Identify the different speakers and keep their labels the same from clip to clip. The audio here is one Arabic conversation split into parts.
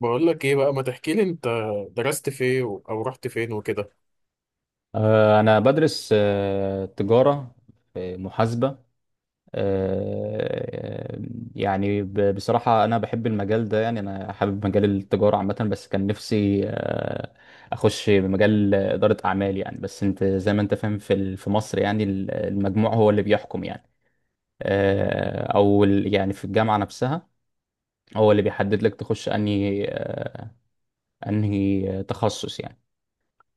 Speaker 1: بقول لك ايه بقى، ما تحكي لي انت درست فين او رحت فين وكده.
Speaker 2: أنا بدرس تجارة في محاسبة آه، يعني بصراحة، أنا بحب المجال ده. يعني أنا حابب مجال التجارة عامة، بس كان نفسي، أخش مجال إدارة أعمال يعني. بس أنت زي ما أنت فاهم في مصر، يعني المجموع هو اللي بيحكم يعني. أو يعني في الجامعة نفسها هو اللي بيحدد لك تخش أنهي تخصص يعني.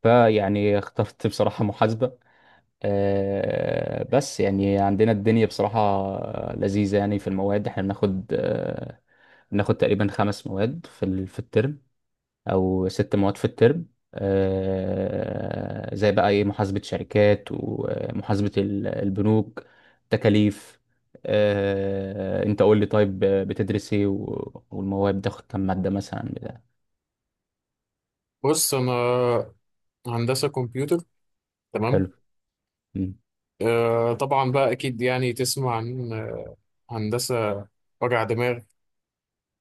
Speaker 2: فيعني اخترت بصراحة محاسبة. بس يعني عندنا الدنيا بصراحة لذيذة، يعني في المواد احنا بناخد تقريبا 5 مواد في الترم، أو 6 مواد في الترم. زي بقى ايه، محاسبة شركات، ومحاسبة البنوك، تكاليف. انت قول لي طيب، بتدرس ايه و- والمواد بتاخد كام مادة مثلا بتاع.
Speaker 1: بص، انا هندسة كمبيوتر، تمام.
Speaker 2: حلو. مم.
Speaker 1: طبعا بقى اكيد، يعني تسمع عن هندسة، وجع دماغ.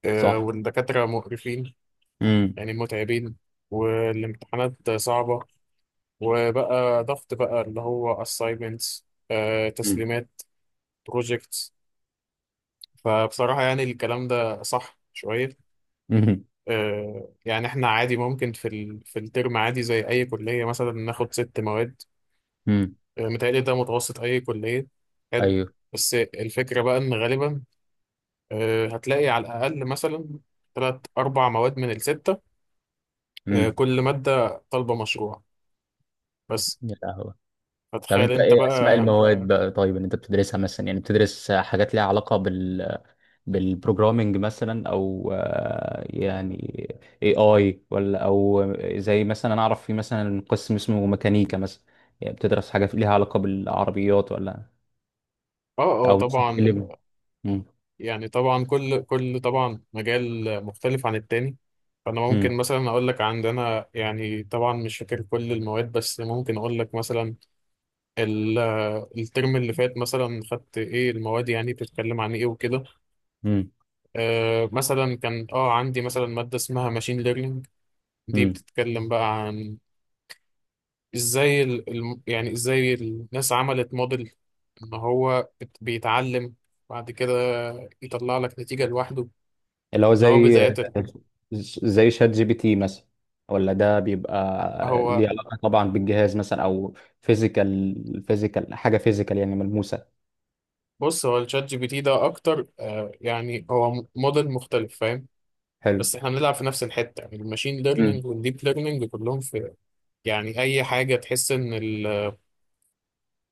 Speaker 2: صح.
Speaker 1: والدكاترة مقرفين،
Speaker 2: امم.
Speaker 1: يعني متعبين، والامتحانات صعبة، وبقى ضغط بقى اللي هو assignments،
Speaker 2: امم.
Speaker 1: تسليمات، projects. فبصراحة يعني الكلام ده صح شوية. يعني احنا عادي ممكن في الترم عادي زي اي كليه مثلا ناخد ست مواد.
Speaker 2: امم.
Speaker 1: متهيألي ده متوسط اي كليه. حلو.
Speaker 2: ايوه.
Speaker 1: بس الفكره بقى ان غالبا هتلاقي على الاقل مثلا ثلاث اربع مواد من السته، كل ماده طالبه مشروع بس.
Speaker 2: امم. طب
Speaker 1: فتخيل
Speaker 2: انت
Speaker 1: انت
Speaker 2: ايه اسماء
Speaker 1: بقى.
Speaker 2: المواد بقى؟ طيب، اللي انت بتدرسها مثلا، يعني بتدرس حاجات ليها علاقة بالبروجرامينج مثلا، او يعني اي ولا او زي مثلا، انا اعرف في مثلا قسم اسمه ميكانيكا مثلا، يعني بتدرس حاجة ليها علاقة بالعربيات ولا
Speaker 1: اه، اه،
Speaker 2: او مثلا
Speaker 1: طبعا.
Speaker 2: اللي. مم.
Speaker 1: يعني طبعا كل طبعا مجال مختلف عن التاني. فانا
Speaker 2: مم.
Speaker 1: ممكن مثلا اقول لك عندنا، يعني طبعا مش فاكر كل المواد بس ممكن اقول لك مثلا ال- الترم اللي فات مثلا خدت ايه المواد، يعني بتتكلم عن ايه وكده.
Speaker 2: مم.
Speaker 1: مثلا كان عندي مثلا مادة اسمها ماشين ليرنينج. دي
Speaker 2: مم.
Speaker 1: بتتكلم بقى عن ازاي يعني ازاي الناس عملت موديل، ان هو بيتعلم، بعد كده يطلع لك نتيجة لوحده.
Speaker 2: اللي هو
Speaker 1: اللي هو
Speaker 2: زي
Speaker 1: بداية
Speaker 2: شات جي بي تي مثلا، ولا ده بيبقى
Speaker 1: هو
Speaker 2: ليه علاقة طبعا بالجهاز مثلا، او فيزيكال، حاجة فيزيكال، يعني ملموسة.
Speaker 1: بص، هو الشات جي بي تي ده اكتر، يعني هو موديل مختلف، فاهم.
Speaker 2: حلو.
Speaker 1: بس احنا بنلعب في نفس الحتة، يعني الماشين
Speaker 2: امم.
Speaker 1: ليرنينج والديب ليرنينج كلهم في، يعني أي حاجة تحس إن ال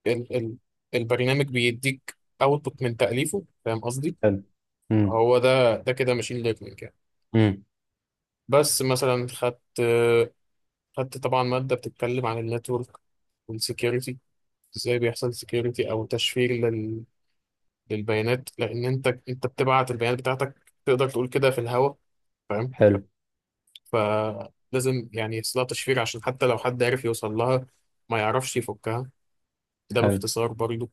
Speaker 1: ال ال البرنامج بيديك أوتبوت من تأليفه، فاهم قصدي؟
Speaker 2: حلو. امم.
Speaker 1: هو ده كده ماشين ليرنينج يعني.
Speaker 2: امم.
Speaker 1: بس مثلا خدت طبعا مادة بتتكلم عن النتورك والسكيورتي، ازاي بيحصل سكيورتي او تشفير للبيانات، لان انت بتبعت البيانات بتاعتك، تقدر تقول كده في الهواء، فاهم.
Speaker 2: حلو.
Speaker 1: فلازم يعني يحصلها تشفير عشان حتى لو حد عرف يوصل لها، ما يعرفش يفكها. ده
Speaker 2: حلو.
Speaker 1: باختصار برضو.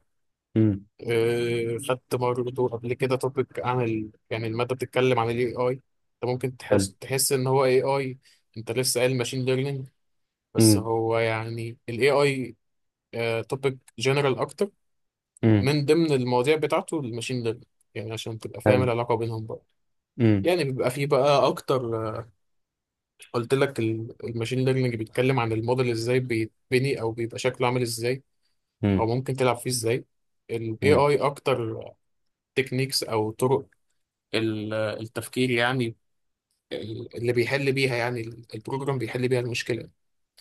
Speaker 2: امم.
Speaker 1: خدت برضو قبل كده توبيك يعني المادة بتتكلم عن الاي اي. انت ممكن
Speaker 2: حلو.
Speaker 1: تحس ان هو اي اي. انت لسه قايل ماشين ليرنينج، بس
Speaker 2: امم.
Speaker 1: هو يعني الاي اي توبيك جنرال اكتر،
Speaker 2: امم.
Speaker 1: من ضمن المواضيع بتاعته الماشين ليرنينج، يعني عشان تبقى فاهم
Speaker 2: حلو.
Speaker 1: العلاقة بينهم برضه.
Speaker 2: امم.
Speaker 1: يعني بيبقى فيه بقى أكتر. قلت لك الماشين ليرنينج بيتكلم عن الموديل ازاي بيتبني او بيبقى شكله عامل ازاي، او ممكن تلعب فيه ازاي. ال
Speaker 2: امم.
Speaker 1: AI اكتر تكنيكس او طرق التفكير، يعني اللي بيحل بيها، يعني البروجرام بيحل بيها المشكلة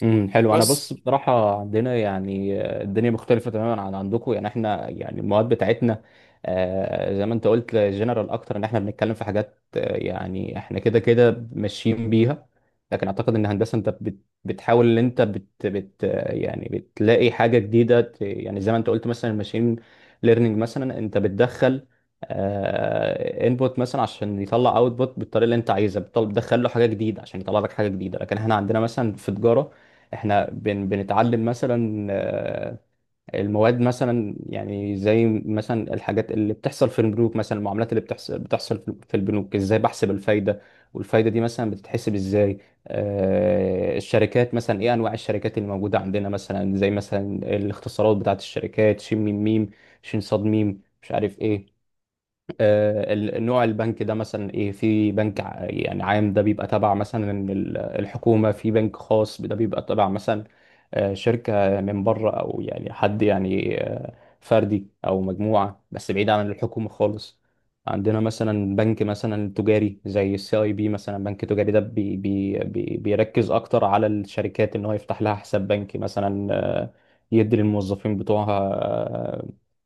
Speaker 2: امم. حلو. انا
Speaker 1: بس.
Speaker 2: بص، بصراحه عندنا يعني، الدنيا مختلفه تماما عن عندكم. يعني احنا، يعني المواد بتاعتنا، زي ما انت قلت، جنرال اكتر، ان احنا بنتكلم في حاجات، يعني احنا كده كده ماشيين بيها. لكن اعتقد ان هندسه، انت بتحاول، ان انت بت بت آه، يعني بتلاقي حاجه جديده، يعني زي ما انت قلت مثلا الماشين ليرنينج، مثلا انت بتدخل انبوت مثلا عشان يطلع اوتبوت بالطريقه اللي انت عايزها، بتدخل له حاجه جديده عشان يطلع لك حاجه جديده. لكن احنا عندنا مثلا في تجاره، احنا بنتعلم مثلا، المواد مثلا، يعني زي مثلا الحاجات اللي بتحصل في البنوك مثلا، المعاملات اللي بتحصل في البنوك ازاي، بحسب الفايدة. والفايدة دي مثلا بتتحسب ازاي؟ الشركات مثلا، ايه انواع الشركات اللي موجودة عندنا مثلا، زي مثلا الاختصارات بتاعت الشركات، ش م م، شين صاد ميم، مش عارف ايه. نوع البنك ده مثلا ايه. في بنك يعني عام، ده بيبقى تبع مثلا الحكومة. في بنك خاص، ده بيبقى تبع مثلا، شركة من بره، او يعني حد يعني، فردي او مجموعة، بس بعيد عن الحكومة خالص. عندنا مثلا بنك مثلا تجاري زي السي اي بي، مثلا بنك تجاري ده بي بيركز اكتر على الشركات، ان هو يفتح لها حساب بنكي مثلا، يدي للموظفين بتوعها،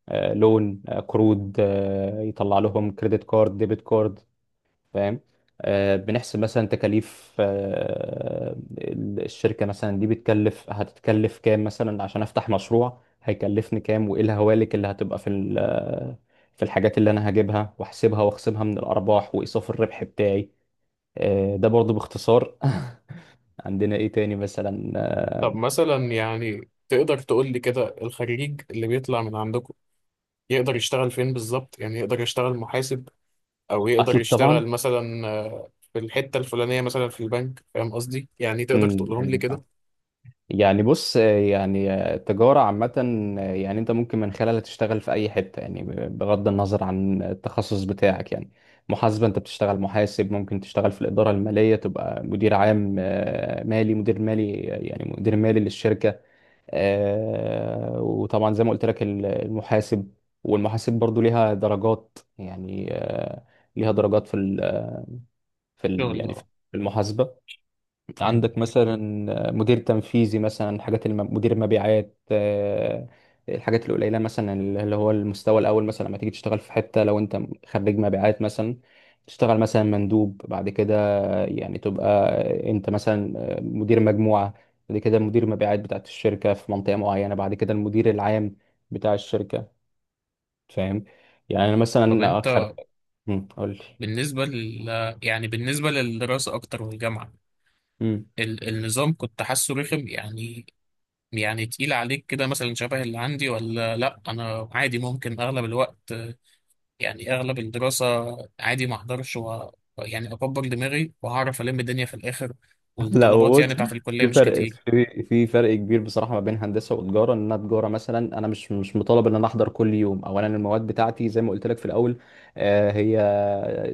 Speaker 2: لون، قروض، يطلع لهم كريدت كارد، ديبت كارد. فاهم. بنحسب مثلا تكاليف، الشركة مثلا دي بتكلف، هتتكلف كام مثلا، عشان افتح مشروع هيكلفني كام، وايه الهوالك اللي هتبقى في في الحاجات اللي انا هجيبها واحسبها واخصمها من الارباح، وايصاف الربح بتاعي. ده برضو باختصار. عندنا ايه تاني مثلا.
Speaker 1: طب مثلا، يعني تقدر تقول لي كده الخريج اللي بيطلع من عندكم يقدر يشتغل فين بالظبط؟ يعني يقدر يشتغل محاسب، او يقدر
Speaker 2: اكيد طبعا.
Speaker 1: يشتغل مثلا في الحتة الفلانية مثلا في البنك، فاهم قصدي؟ يعني تقدر
Speaker 2: امم.
Speaker 1: تقولهم لي كده.
Speaker 2: ايوه. يعني بص، يعني التجارة عامة، يعني انت ممكن من خلالها تشتغل في اي حتة، يعني بغض النظر عن التخصص بتاعك يعني. محاسبة، انت بتشتغل محاسب، ممكن تشتغل في الإدارة المالية، تبقى مدير عام، مالي، مدير مالي، يعني مدير مالي للشركة. وطبعا زي ما قلت لك، المحاسب والمحاسب برضو ليها درجات يعني، ليها درجات في ال يعني في
Speaker 1: شغل.
Speaker 2: المحاسبة.
Speaker 1: مم.
Speaker 2: عندك مثلا مدير تنفيذي مثلا، مدير المبيعات، الحاجات القليله مثلا، اللي هو المستوى الاول مثلا، لما تيجي تشتغل في حته، لو انت خريج مبيعات مثلا، تشتغل مثلا مندوب، بعد كده يعني تبقى انت مثلا مدير مجموعه، بعد كده مدير مبيعات بتاعت الشركه في منطقه معينه، بعد كده المدير العام بتاع الشركه. فاهم؟ يعني انا
Speaker 1: طب
Speaker 2: مثلا اخر.
Speaker 1: انت
Speaker 2: قول
Speaker 1: بالنسبة يعني بالنسبة للدراسة أكتر والجامعة،
Speaker 2: لي.
Speaker 1: النظام، كنت حاسه رخم يعني، يعني تقيل عليك كده مثلا شبه اللي عندي ولا لأ؟ أنا عادي ممكن أغلب الوقت، يعني أغلب الدراسة عادي ما أحضرش يعني أكبر دماغي وهعرف ألم الدنيا في الآخر،
Speaker 2: لا، هو
Speaker 1: والطلبات يعني
Speaker 2: بص،
Speaker 1: بتاعت الكلية
Speaker 2: في
Speaker 1: مش
Speaker 2: فرق،
Speaker 1: كتير.
Speaker 2: في فرق كبير بصراحه ما بين هندسه وتجاره. ان انا تجاره مثلا، انا مش مطالب ان انا احضر كل يوم. اولا، المواد بتاعتي زي ما قلت لك في الاول، هي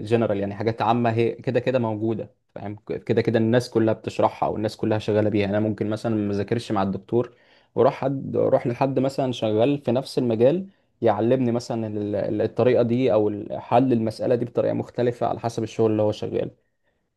Speaker 2: جنرال يعني، حاجات عامه هي كده كده موجوده. فاهم؟ كده كده الناس كلها بتشرحها، او الناس كلها شغاله بيها. يعني انا ممكن مثلا ما ذاكرش مع الدكتور، واروح اروح لحد مثلا شغال في نفس المجال، يعلمني مثلا الطريقه دي، او حل المساله دي بطريقه مختلفه على حسب الشغل اللي هو شغال.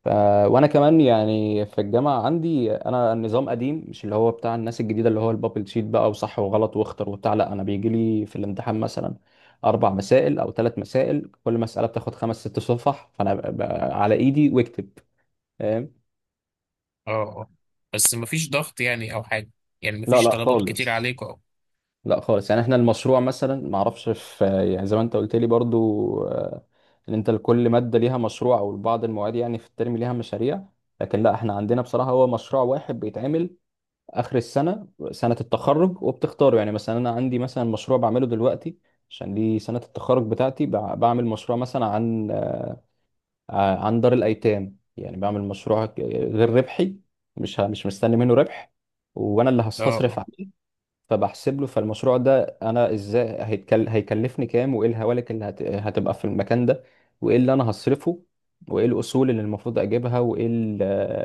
Speaker 2: ف... وانا كمان يعني في الجامعه عندي انا، النظام قديم، مش اللي هو بتاع الناس الجديده، اللي هو البابل شيت بقى وصح وغلط واختر وبتاع. لا، انا بيجي لي في الامتحان مثلا 4 مسائل او 3 مسائل، كل مساله بتاخد خمس ست صفح، فانا على ايدي واكتب. فاهم؟
Speaker 1: اه، اه، بس مفيش ضغط يعني أو حاجة، يعني
Speaker 2: لا
Speaker 1: مفيش
Speaker 2: لا
Speaker 1: طلبات كتير
Speaker 2: خالص.
Speaker 1: عليك أو.
Speaker 2: لا خالص، يعني احنا المشروع مثلا ما اعرفش في. يعني زي ما انت قلت لي برضو، ان انت لكل ماده ليها مشروع، او بعض المواد يعني في الترم ليها مشاريع. لكن لا، احنا عندنا بصراحه هو مشروع واحد بيتعمل اخر السنه، سنه التخرج، وبتختاره. يعني مثلا انا عندي مثلا مشروع بعمله دلوقتي، عشان دي سنه التخرج بتاعتي. بعمل مشروع مثلا عن، عن دار الايتام، يعني بعمل مشروع غير ربحي، مش مستني منه ربح، وانا اللي
Speaker 1: اه،
Speaker 2: هصرف
Speaker 1: اه،
Speaker 2: عليه. فبحسب له. فالمشروع ده، انا ازاي هيكلفني كام، وايه الهوالك اللي هتبقى في المكان ده، وايه اللي انا هصرفه، وايه الاصول اللي المفروض اجيبها، وايه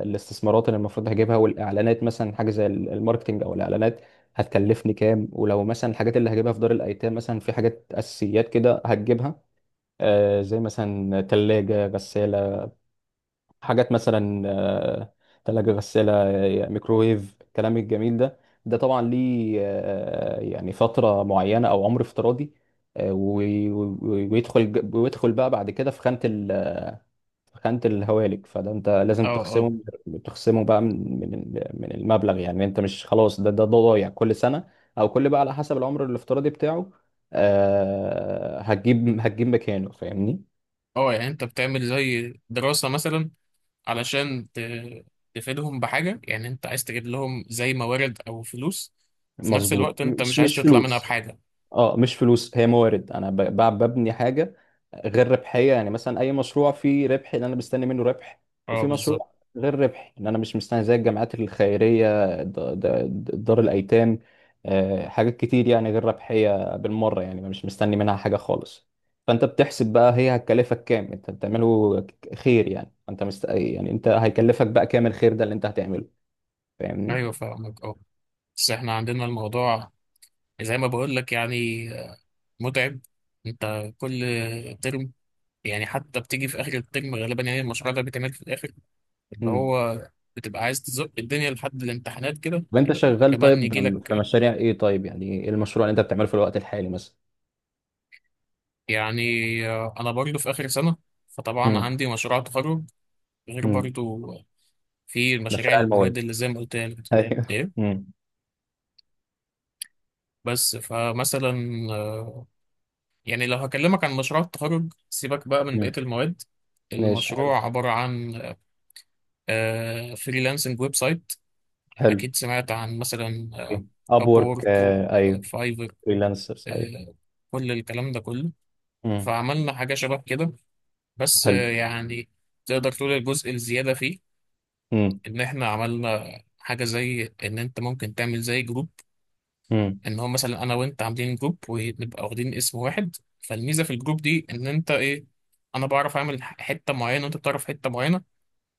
Speaker 2: الاستثمارات اللي المفروض هجيبها، والاعلانات مثلا، حاجه زي الماركتينج او الاعلانات هتكلفني كام. ولو مثلا الحاجات اللي هجيبها في دار الايتام مثلا، في حاجات اساسيات كده هتجيبها، زي مثلا ثلاجه، غساله، حاجات مثلا، تلاجة، غسالة، ميكروويف، الكلام الجميل ده، ده طبعا ليه، يعني فترة معينة أو عمر افتراضي، ويدخل بقى بعد كده في خانة ال آه، في خانة الهوالك. فده أنت
Speaker 1: اه،
Speaker 2: لازم
Speaker 1: اه،
Speaker 2: تخصمه، بقى من المبلغ. يعني أنت مش خلاص، ده ضايع كل سنة، أو كل بقى على حسب العمر الافتراضي بتاعه. هتجيب مكانه. فاهمني؟
Speaker 1: اه، يعني أنت بتعمل زي دراسة مثلا علشان تفيدهم بحاجة. يعني انت عايز تجيب لهم زي موارد او فلوس، في نفس
Speaker 2: مظبوط،
Speaker 1: الوقت انت مش عايز
Speaker 2: مش
Speaker 1: تطلع منها
Speaker 2: فلوس.
Speaker 1: بحاجة.
Speaker 2: اه، مش فلوس، هي موارد. انا ببني حاجه غير ربحيه، يعني مثلا اي مشروع فيه ربح، ان انا مستني منه ربح.
Speaker 1: اه،
Speaker 2: وفي
Speaker 1: بالظبط.
Speaker 2: مشروع غير ربحي، ان انا مش مستني، زي الجامعات الخيريه، دار الايتام. حاجات كتير يعني غير ربحيه بالمره، يعني مش مستني منها حاجه خالص. فانت بتحسب بقى هي هتكلفك كام. انت بتعمله خير، يعني انت يعني انت هيكلفك بقى كام الخير ده اللي انت هتعمله. فاهمني؟
Speaker 1: ايوه، فاهمك، اه. بس احنا عندنا الموضوع زي ما بقول لك يعني متعب، انت كل ترم، يعني حتى بتيجي في اخر الترم غالبا، يعني المشروع ده بيتعمل في الاخر، اللي هو بتبقى عايز تزق الدنيا لحد الامتحانات كده،
Speaker 2: طب انت شغال
Speaker 1: كمان
Speaker 2: طيب
Speaker 1: يجي
Speaker 2: في
Speaker 1: لك.
Speaker 2: مشاريع ايه؟ طيب، يعني ايه المشروع اللي انت بتعمله في الوقت الحالي مثلا؟
Speaker 1: يعني انا برضه في اخر سنة، فطبعا
Speaker 2: امم.
Speaker 1: عندي مشروع تخرج، غير
Speaker 2: امم.
Speaker 1: برضه في المشاريع
Speaker 2: مشاريع
Speaker 1: المواد
Speaker 2: المواد،
Speaker 1: اللي زي ما قلت لك دي.
Speaker 2: ايوه.
Speaker 1: ايه.
Speaker 2: امم.
Speaker 1: بس فمثلا، آه، يعني لو هكلمك عن مشروع التخرج سيبك بقى من بقية
Speaker 2: امم.
Speaker 1: المواد.
Speaker 2: ماشي حلو.
Speaker 1: المشروع عبارة عن فريلانسنج ويب سايت.
Speaker 2: حلو.
Speaker 1: أكيد سمعت عن مثلا
Speaker 2: اب وورك،
Speaker 1: أبورك،
Speaker 2: آه ايوه.
Speaker 1: فايفر،
Speaker 2: فريلانسرز، ايوه.
Speaker 1: كل الكلام ده كله.
Speaker 2: امم.
Speaker 1: فعملنا حاجة شبه كده، بس
Speaker 2: حلو.
Speaker 1: يعني تقدر تقول الجزء الزيادة فيه،
Speaker 2: امم.
Speaker 1: إن إحنا عملنا حاجة زي إن أنت ممكن تعمل زي جروب،
Speaker 2: امم.
Speaker 1: ان هو مثلا انا وانت عاملين جروب ونبقى واخدين اسم واحد. فالميزه في الجروب دي ان انت ايه، انا بعرف اعمل حته معينه وانت بتعرف حته معينه.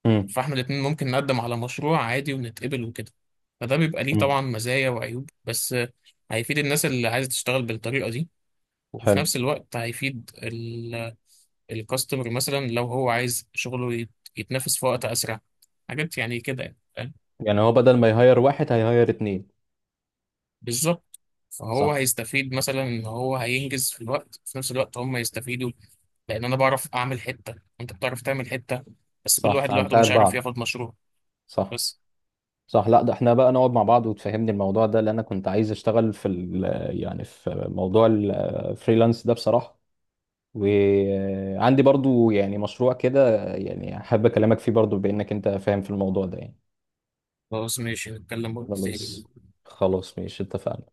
Speaker 2: امم.
Speaker 1: فاحنا الاتنين ممكن نقدم على مشروع عادي ونتقبل وكده. فده بيبقى ليه
Speaker 2: امم.
Speaker 1: طبعا مزايا وعيوب، بس هيفيد الناس اللي عايزه تشتغل بالطريقه دي، وفي
Speaker 2: حلو.
Speaker 1: نفس الوقت هيفيد الكاستمر مثلا لو هو عايز شغله يتنافس في وقت اسرع، حاجات يعني كده يعني، فاهم؟
Speaker 2: يعني هو بدل ما يهير واحد هيهير اتنين.
Speaker 1: بالظبط. فهو
Speaker 2: صح.
Speaker 1: هيستفيد مثلا ان هو هينجز في الوقت، في نفس الوقت هم يستفيدوا، لان انا بعرف اعمل حته، انت بتعرف تعمل حته، بس كل
Speaker 2: صح،
Speaker 1: واحد لوحده
Speaker 2: فهنساعد
Speaker 1: مش عارف
Speaker 2: بعض.
Speaker 1: ياخد مشروع
Speaker 2: صح.
Speaker 1: بس.
Speaker 2: صح. لا، ده احنا بقى نقعد مع بعض وتفهمني الموضوع ده، لان انا كنت عايز اشتغل في ال يعني في موضوع الفريلانس ده بصراحة. وعندي برضو يعني مشروع كده، يعني حابب اكلمك فيه برضو، بانك انت فاهم في الموضوع ده يعني.
Speaker 1: خلاص ماشي، نتكلم وقت تاني.
Speaker 2: خلاص. خلاص ماشي، اتفقنا.